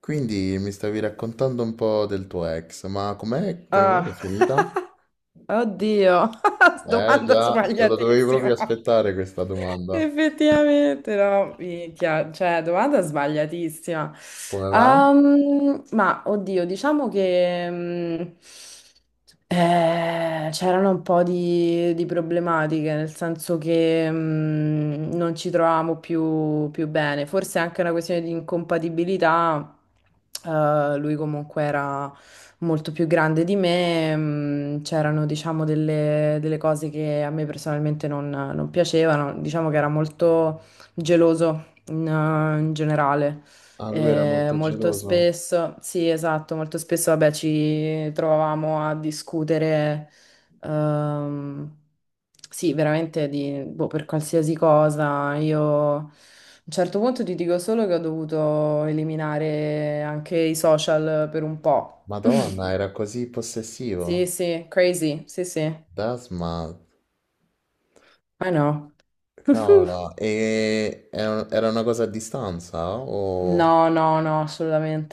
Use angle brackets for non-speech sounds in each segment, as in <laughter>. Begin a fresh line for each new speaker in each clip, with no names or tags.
Quindi mi stavi raccontando un po' del tuo ex, ma com'è, come mai è
Ah,
finita?
<laughs> oddio, <laughs>
Eh
domanda
già, te la dovevi proprio
sbagliatissima.
aspettare questa domanda.
Effettivamente, no, minchia, cioè, domanda sbagliatissima.
Come mai?
Oddio, diciamo che c'erano un po' di problematiche, nel senso che non ci trovavamo più, più bene. Forse è anche una questione di incompatibilità. Lui comunque era molto più grande di me, c'erano diciamo delle cose che a me personalmente non piacevano, diciamo che era molto geloso in generale.
Ah, lui era molto
Molto
geloso.
spesso, sì, esatto, molto spesso, vabbè, ci trovavamo a discutere, ehm, sì, veramente di, boh, per qualsiasi cosa. Io a un certo punto ti dico solo che ho dovuto eliminare anche i social per un po'. <laughs>
Madonna, era così
Sì,
possessivo.
sì, crazy, sì, sì,
Dasma,
I know. <laughs>
cavolo. E era una cosa a distanza? O...
No, no, no,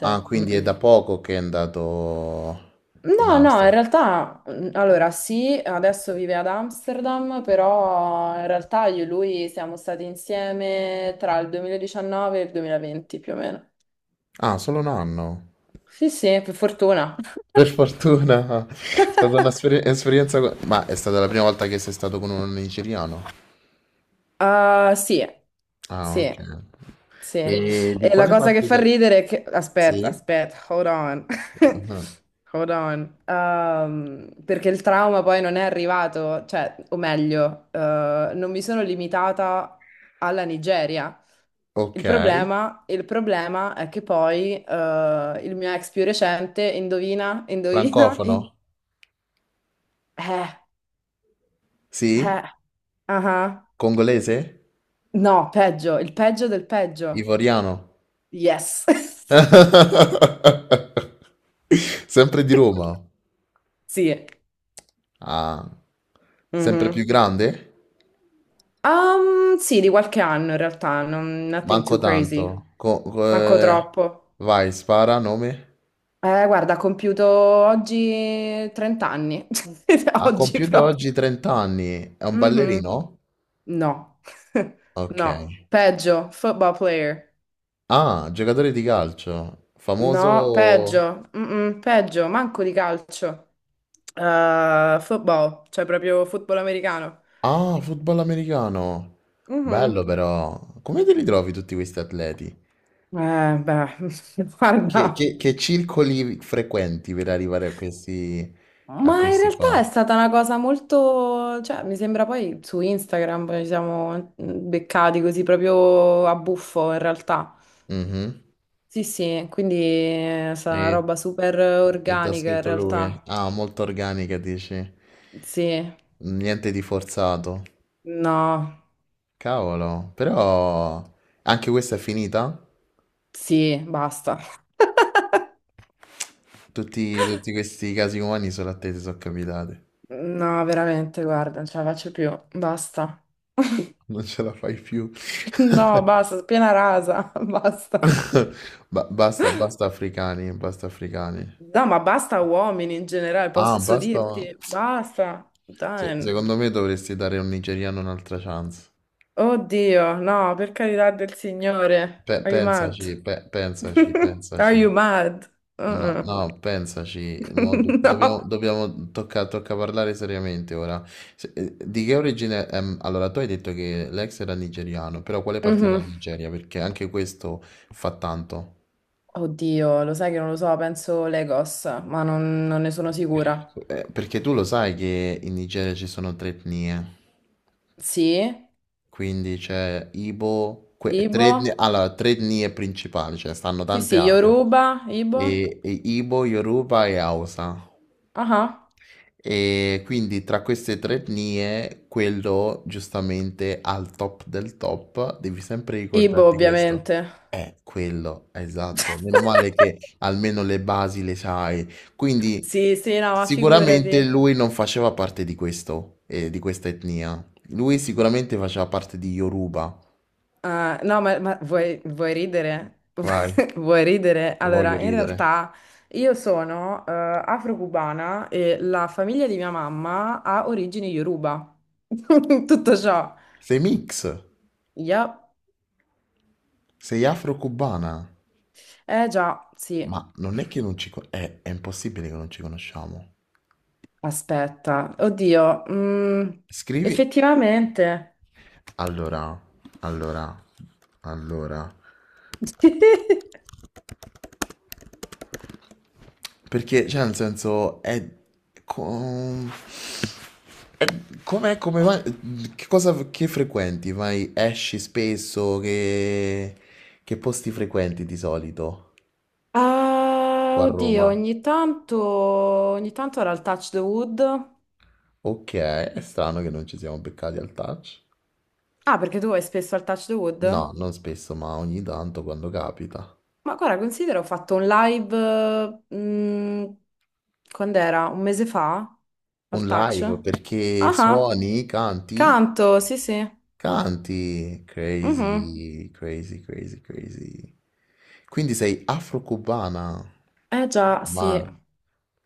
Ah, quindi è da
Mm-mm.
poco che è andato in
No, no, in
Amsterdam.
realtà, allora sì, adesso vive ad Amsterdam, però in realtà io e lui siamo stati insieme tra il 2019 e il 2020 più o meno.
Ah, solo un anno.
Sì, sì, per fortuna.
Per fortuna, è stata un'esperienza... Ma è stata la prima volta che sei stato con un nigeriano?
Ah, sì,
Ah,
sì,
ok.
sì.
E di
E la
quale
cosa che
parte
fa
del...
ridere è che... Aspetta,
Sì?
aspetta, hold on. <laughs>
Ah,
Hold on. Perché il trauma poi non è arrivato, cioè, o meglio, non mi sono limitata alla Nigeria.
ok.
Il problema è che poi il mio ex più recente, indovina,
Francofono?
eh,
Sì?
eh, ah ah.
Congolese?
No, peggio, il peggio del peggio.
Ivoriano?
Yes. <laughs>
<laughs> Sempre di Roma?
Sì.
Ah, sempre più
Mhm.
grande?
Sì, di qualche anno in realtà, nothing
Manco
too crazy.
tanto.
Manco troppo.
Vai, spara, nome?
Guarda, ho compiuto oggi 30 anni. <laughs>
Ha
Oggi
compiuto
proprio.
oggi 30 anni. È un
Mhm.
ballerino?
No. <laughs>
Ok.
No. Peggio, football player.
Ah, giocatore di calcio.
No,
Famoso...
peggio. Mm-mm, peggio, manco di calcio. Football, cioè proprio football americano.
Ah, football americano.
Mhm.
Bello però. Come te li trovi tutti questi atleti?
Beh, <laughs>
Che,
guarda.
che- che circoli frequenti per arrivare a
Ma in
questi
realtà è
qua?
stata una cosa molto, cioè mi sembra poi su Instagram poi ci siamo beccati così proprio a buffo in realtà.
Mhm.
Sì, sì, quindi è stata una
E,
roba super
e t'ha
organica in
scritto lui?
realtà.
Ah, molto organica, dici.
Sì,
Niente di forzato.
no,
Cavolo, però anche questa è finita?
sì, basta.
Tutti, tutti questi casi umani solo a te ti sono capitati.
No, veramente, guarda, non ce la faccio più, basta.
Non ce la fai più.
<laughs> No, basta, piena rasa, <laughs> basta.
<laughs> Basta, basta africani, basta africani.
No, ma basta uomini in generale,
Ah,
posso
basta.
dirti, basta.
Se-
Dai.
secondo me dovresti dare a un nigeriano un'altra chance.
Oddio, no, per carità del Signore.
Pe-
Are you mad?
pensaci, pe- pensaci,
<laughs> Are
pensaci.
you mad?
No,
Uh-uh.
no, pensaci, mo do-
<laughs>
dobbiamo,
No.
dobbiamo- tocca, tocca parlare seriamente ora. Di che origine è? Allora, tu hai detto che l'ex era nigeriano, però quale parte della
Mhm.
Nigeria? Perché anche questo fa tanto.
Oddio, lo sai che non lo so, penso Legos, ma non ne sono sicura.
Perché tu lo sai che in Nigeria ci sono tre etnie,
Sì,
quindi c'è Ibo, tre
Ibo?
etnie, allora, tre etnie principali, ce ne stanno
Sì,
tante
sì,
altre.
Yoruba, Ibo?
E Ibo, Yoruba e Hausa.
Ah, ah.
E quindi tra queste tre etnie, quello giustamente al top del top, devi sempre
Ibo,
ricordarti questo.
ovviamente.
È quello, esatto. Meno male
<laughs>
che almeno le basi le sai. Quindi
Sì, sì, no, ma
sicuramente
figurati.
lui non faceva parte di questo, di questa etnia. Lui sicuramente faceva parte di Yoruba.
Ah, no, ma vuoi, vuoi ridere?
Vai,
<laughs> Vuoi ridere?
voglio
Allora, in
ridere.
realtà io sono afro-cubana e la famiglia di mia mamma ha origini Yoruba. <laughs> Tutto ciò.
Sei mix,
Yup.
sei afro-cubana.
Eh già, sì.
Ma non è che non ci... è impossibile che non ci conosciamo.
Aspetta. Oddio.
Scrivi
Effettivamente.
allora, allora, allora,
<laughs>
perché cioè nel senso è, com- è com'è, come vai, che cosa che frequenti? Vai, esci spesso, che posti frequenti di solito
Ah,
qua a
oddio,
Roma?
ogni tanto era il touch the wood.
Ok, è strano che non ci siamo beccati al touch.
Ah, perché tu vai spesso al touch the
No,
wood?
non spesso, ma ogni tanto quando capita.
Ma guarda, considera, ho fatto un live, eh, mh, quando era? Un mese fa? Al
Un
touch?
live perché
Ah, ah,
suoni, canti?
canto, sì, sì.
Canti,
Mhm.
crazy, crazy, crazy, crazy. Quindi sei afro-cubana,
Eh già, sì.
ma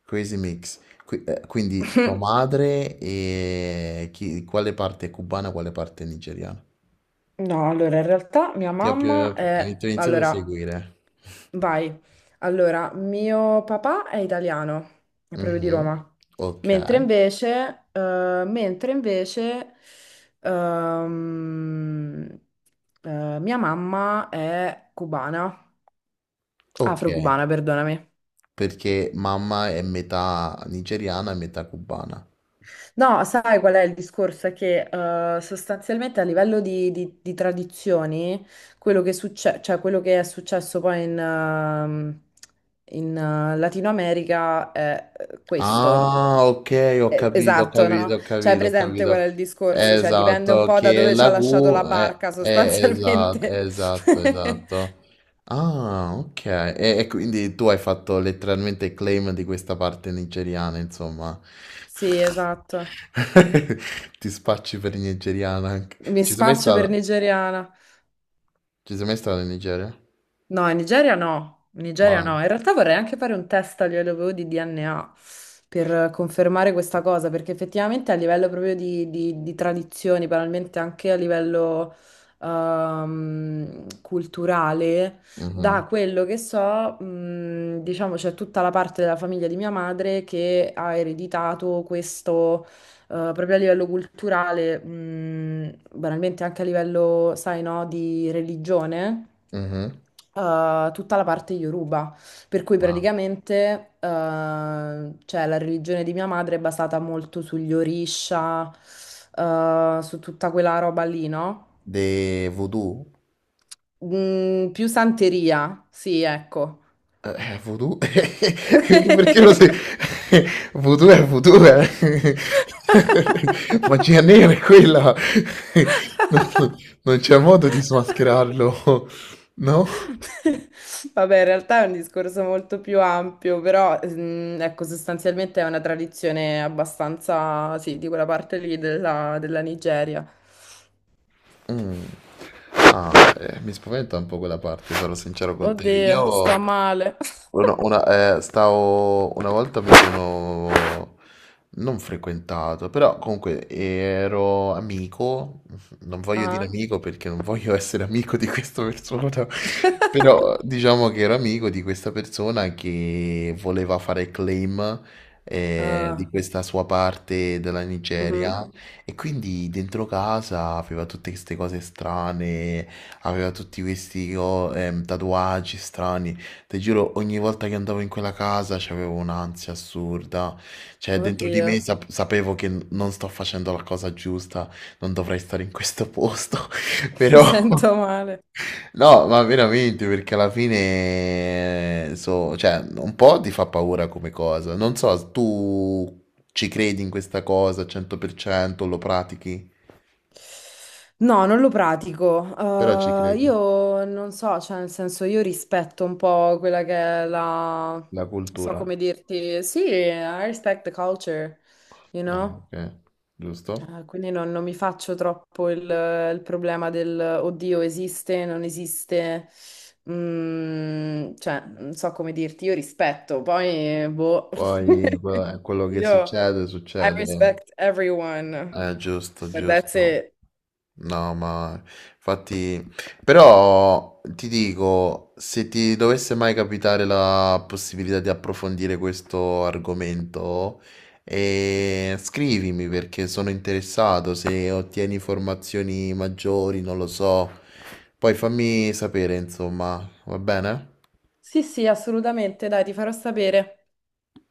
crazy mix. Quindi tua madre e quale parte è cubana, quale parte è nigeriana?
No, allora, in realtà mia
Ti ho
mamma
più- hai
è...
iniziato a
Allora,
seguire.
vai. Allora, mio papà è italiano, è proprio di
Mhm.
Roma.
Ok,
Mentre invece, ehm, mia mamma è cubana.
ok.
Afro-cubana, perdonami.
Perché mamma è metà nigeriana e metà cubana.
No, sai qual è il discorso? È che sostanzialmente a livello di tradizioni, cioè, quello che è successo poi in Latino America è questo.
Ah, ok, ho capito, ho
Esatto,
capito,
no?
ho
Cioè, è
capito, ho
presente qual
capito.
è il discorso? Cioè, dipende un
Esatto,
po' da
che
dove ci ha
la
lasciato
Q
la
è,
barca,
esatto,
sostanzialmente.
esatto, esatto.
<laughs>
Ah, ok. E quindi tu hai fatto letteralmente il claim di questa parte nigeriana, insomma.
Sì, esatto.
<laughs> Ti spacci per nigeriana anche.
Mi
Ci sei mai
spaccio per
stata?
nigeriana.
Ci sei mai stata in Nigeria?
No, in Nigeria no, in Nigeria
Ma.
no. In realtà vorrei anche fare un test a livello di DNA per confermare questa cosa, perché effettivamente a livello proprio di tradizioni, banalmente anche a livello culturale, da
Mhm,
quello che so, diciamo c'è tutta la parte della famiglia di mia madre che ha ereditato questo. Proprio a livello culturale, banalmente anche a livello, sai, no, di religione,
mhm.
tutta la parte Yoruba, per cui
Ma.
praticamente cioè, la religione di mia madre è basata molto sugli Orisha, su tutta quella roba lì, no?
De voodoo?
Mm, più santeria, sì, ecco.
Voodoo? <laughs> Perché lo sai?
<laughs>
<laughs> Voodoo è voodoo, eh. <laughs> Magia nera è quella. <laughs> Non non c'è modo di smascherarlo, <laughs> no?
Vabbè, in realtà è un discorso molto più ampio, però ecco, sostanzialmente è una tradizione abbastanza, sì, di quella parte lì della Nigeria.
Mh. Ah, mi spaventa un po' quella parte, sarò sincero con te.
Oddio,
Io
sto male. <laughs>
una stavo una volta mi sono non frequentato, però comunque ero amico, non voglio dire
Ah.
amico perché non voglio essere amico di questa persona, <laughs> però diciamo che ero amico di questa persona che voleva fare claim, di
Ah,
questa sua parte della
mhm.
Nigeria e quindi dentro casa aveva tutte queste cose strane, aveva tutti questi tatuaggi strani. Ti giuro, ogni volta che andavo in quella casa c'avevo un'ansia assurda. Cioè, dentro di
Oddio,
me sapevo che non sto facendo la cosa giusta, non dovrei stare in questo posto. <laughs>
<laughs> mi
Però,
sento male.
no, ma veramente, perché alla fine, so, cioè, un po' ti fa paura come cosa. Non so, tu ci credi in questa cosa al 100%, lo pratichi?
No, non lo pratico.
Però ci credi.
Io non so, cioè, nel senso, io rispetto un po' quella che è la...
La
Non so
cultura.
come dirti. Sì, I respect the culture, you
Ah,
know?
ok, giusto.
Quindi non mi faccio troppo il problema del oddio, esiste, non esiste. Mm, cioè, non so come dirti, io rispetto, poi, boh.
Poi
<laughs>
quello che
Io.
succede,
I
succede,
respect everyone,
giusto,
but that's
giusto,
it.
no, ma infatti, però ti dico, se ti dovesse mai capitare la possibilità di approfondire questo argomento, scrivimi perché sono interessato, se ottieni informazioni maggiori, non lo so, poi fammi sapere, insomma, va bene?
Sì, sì, assolutamente, dai, ti farò sapere.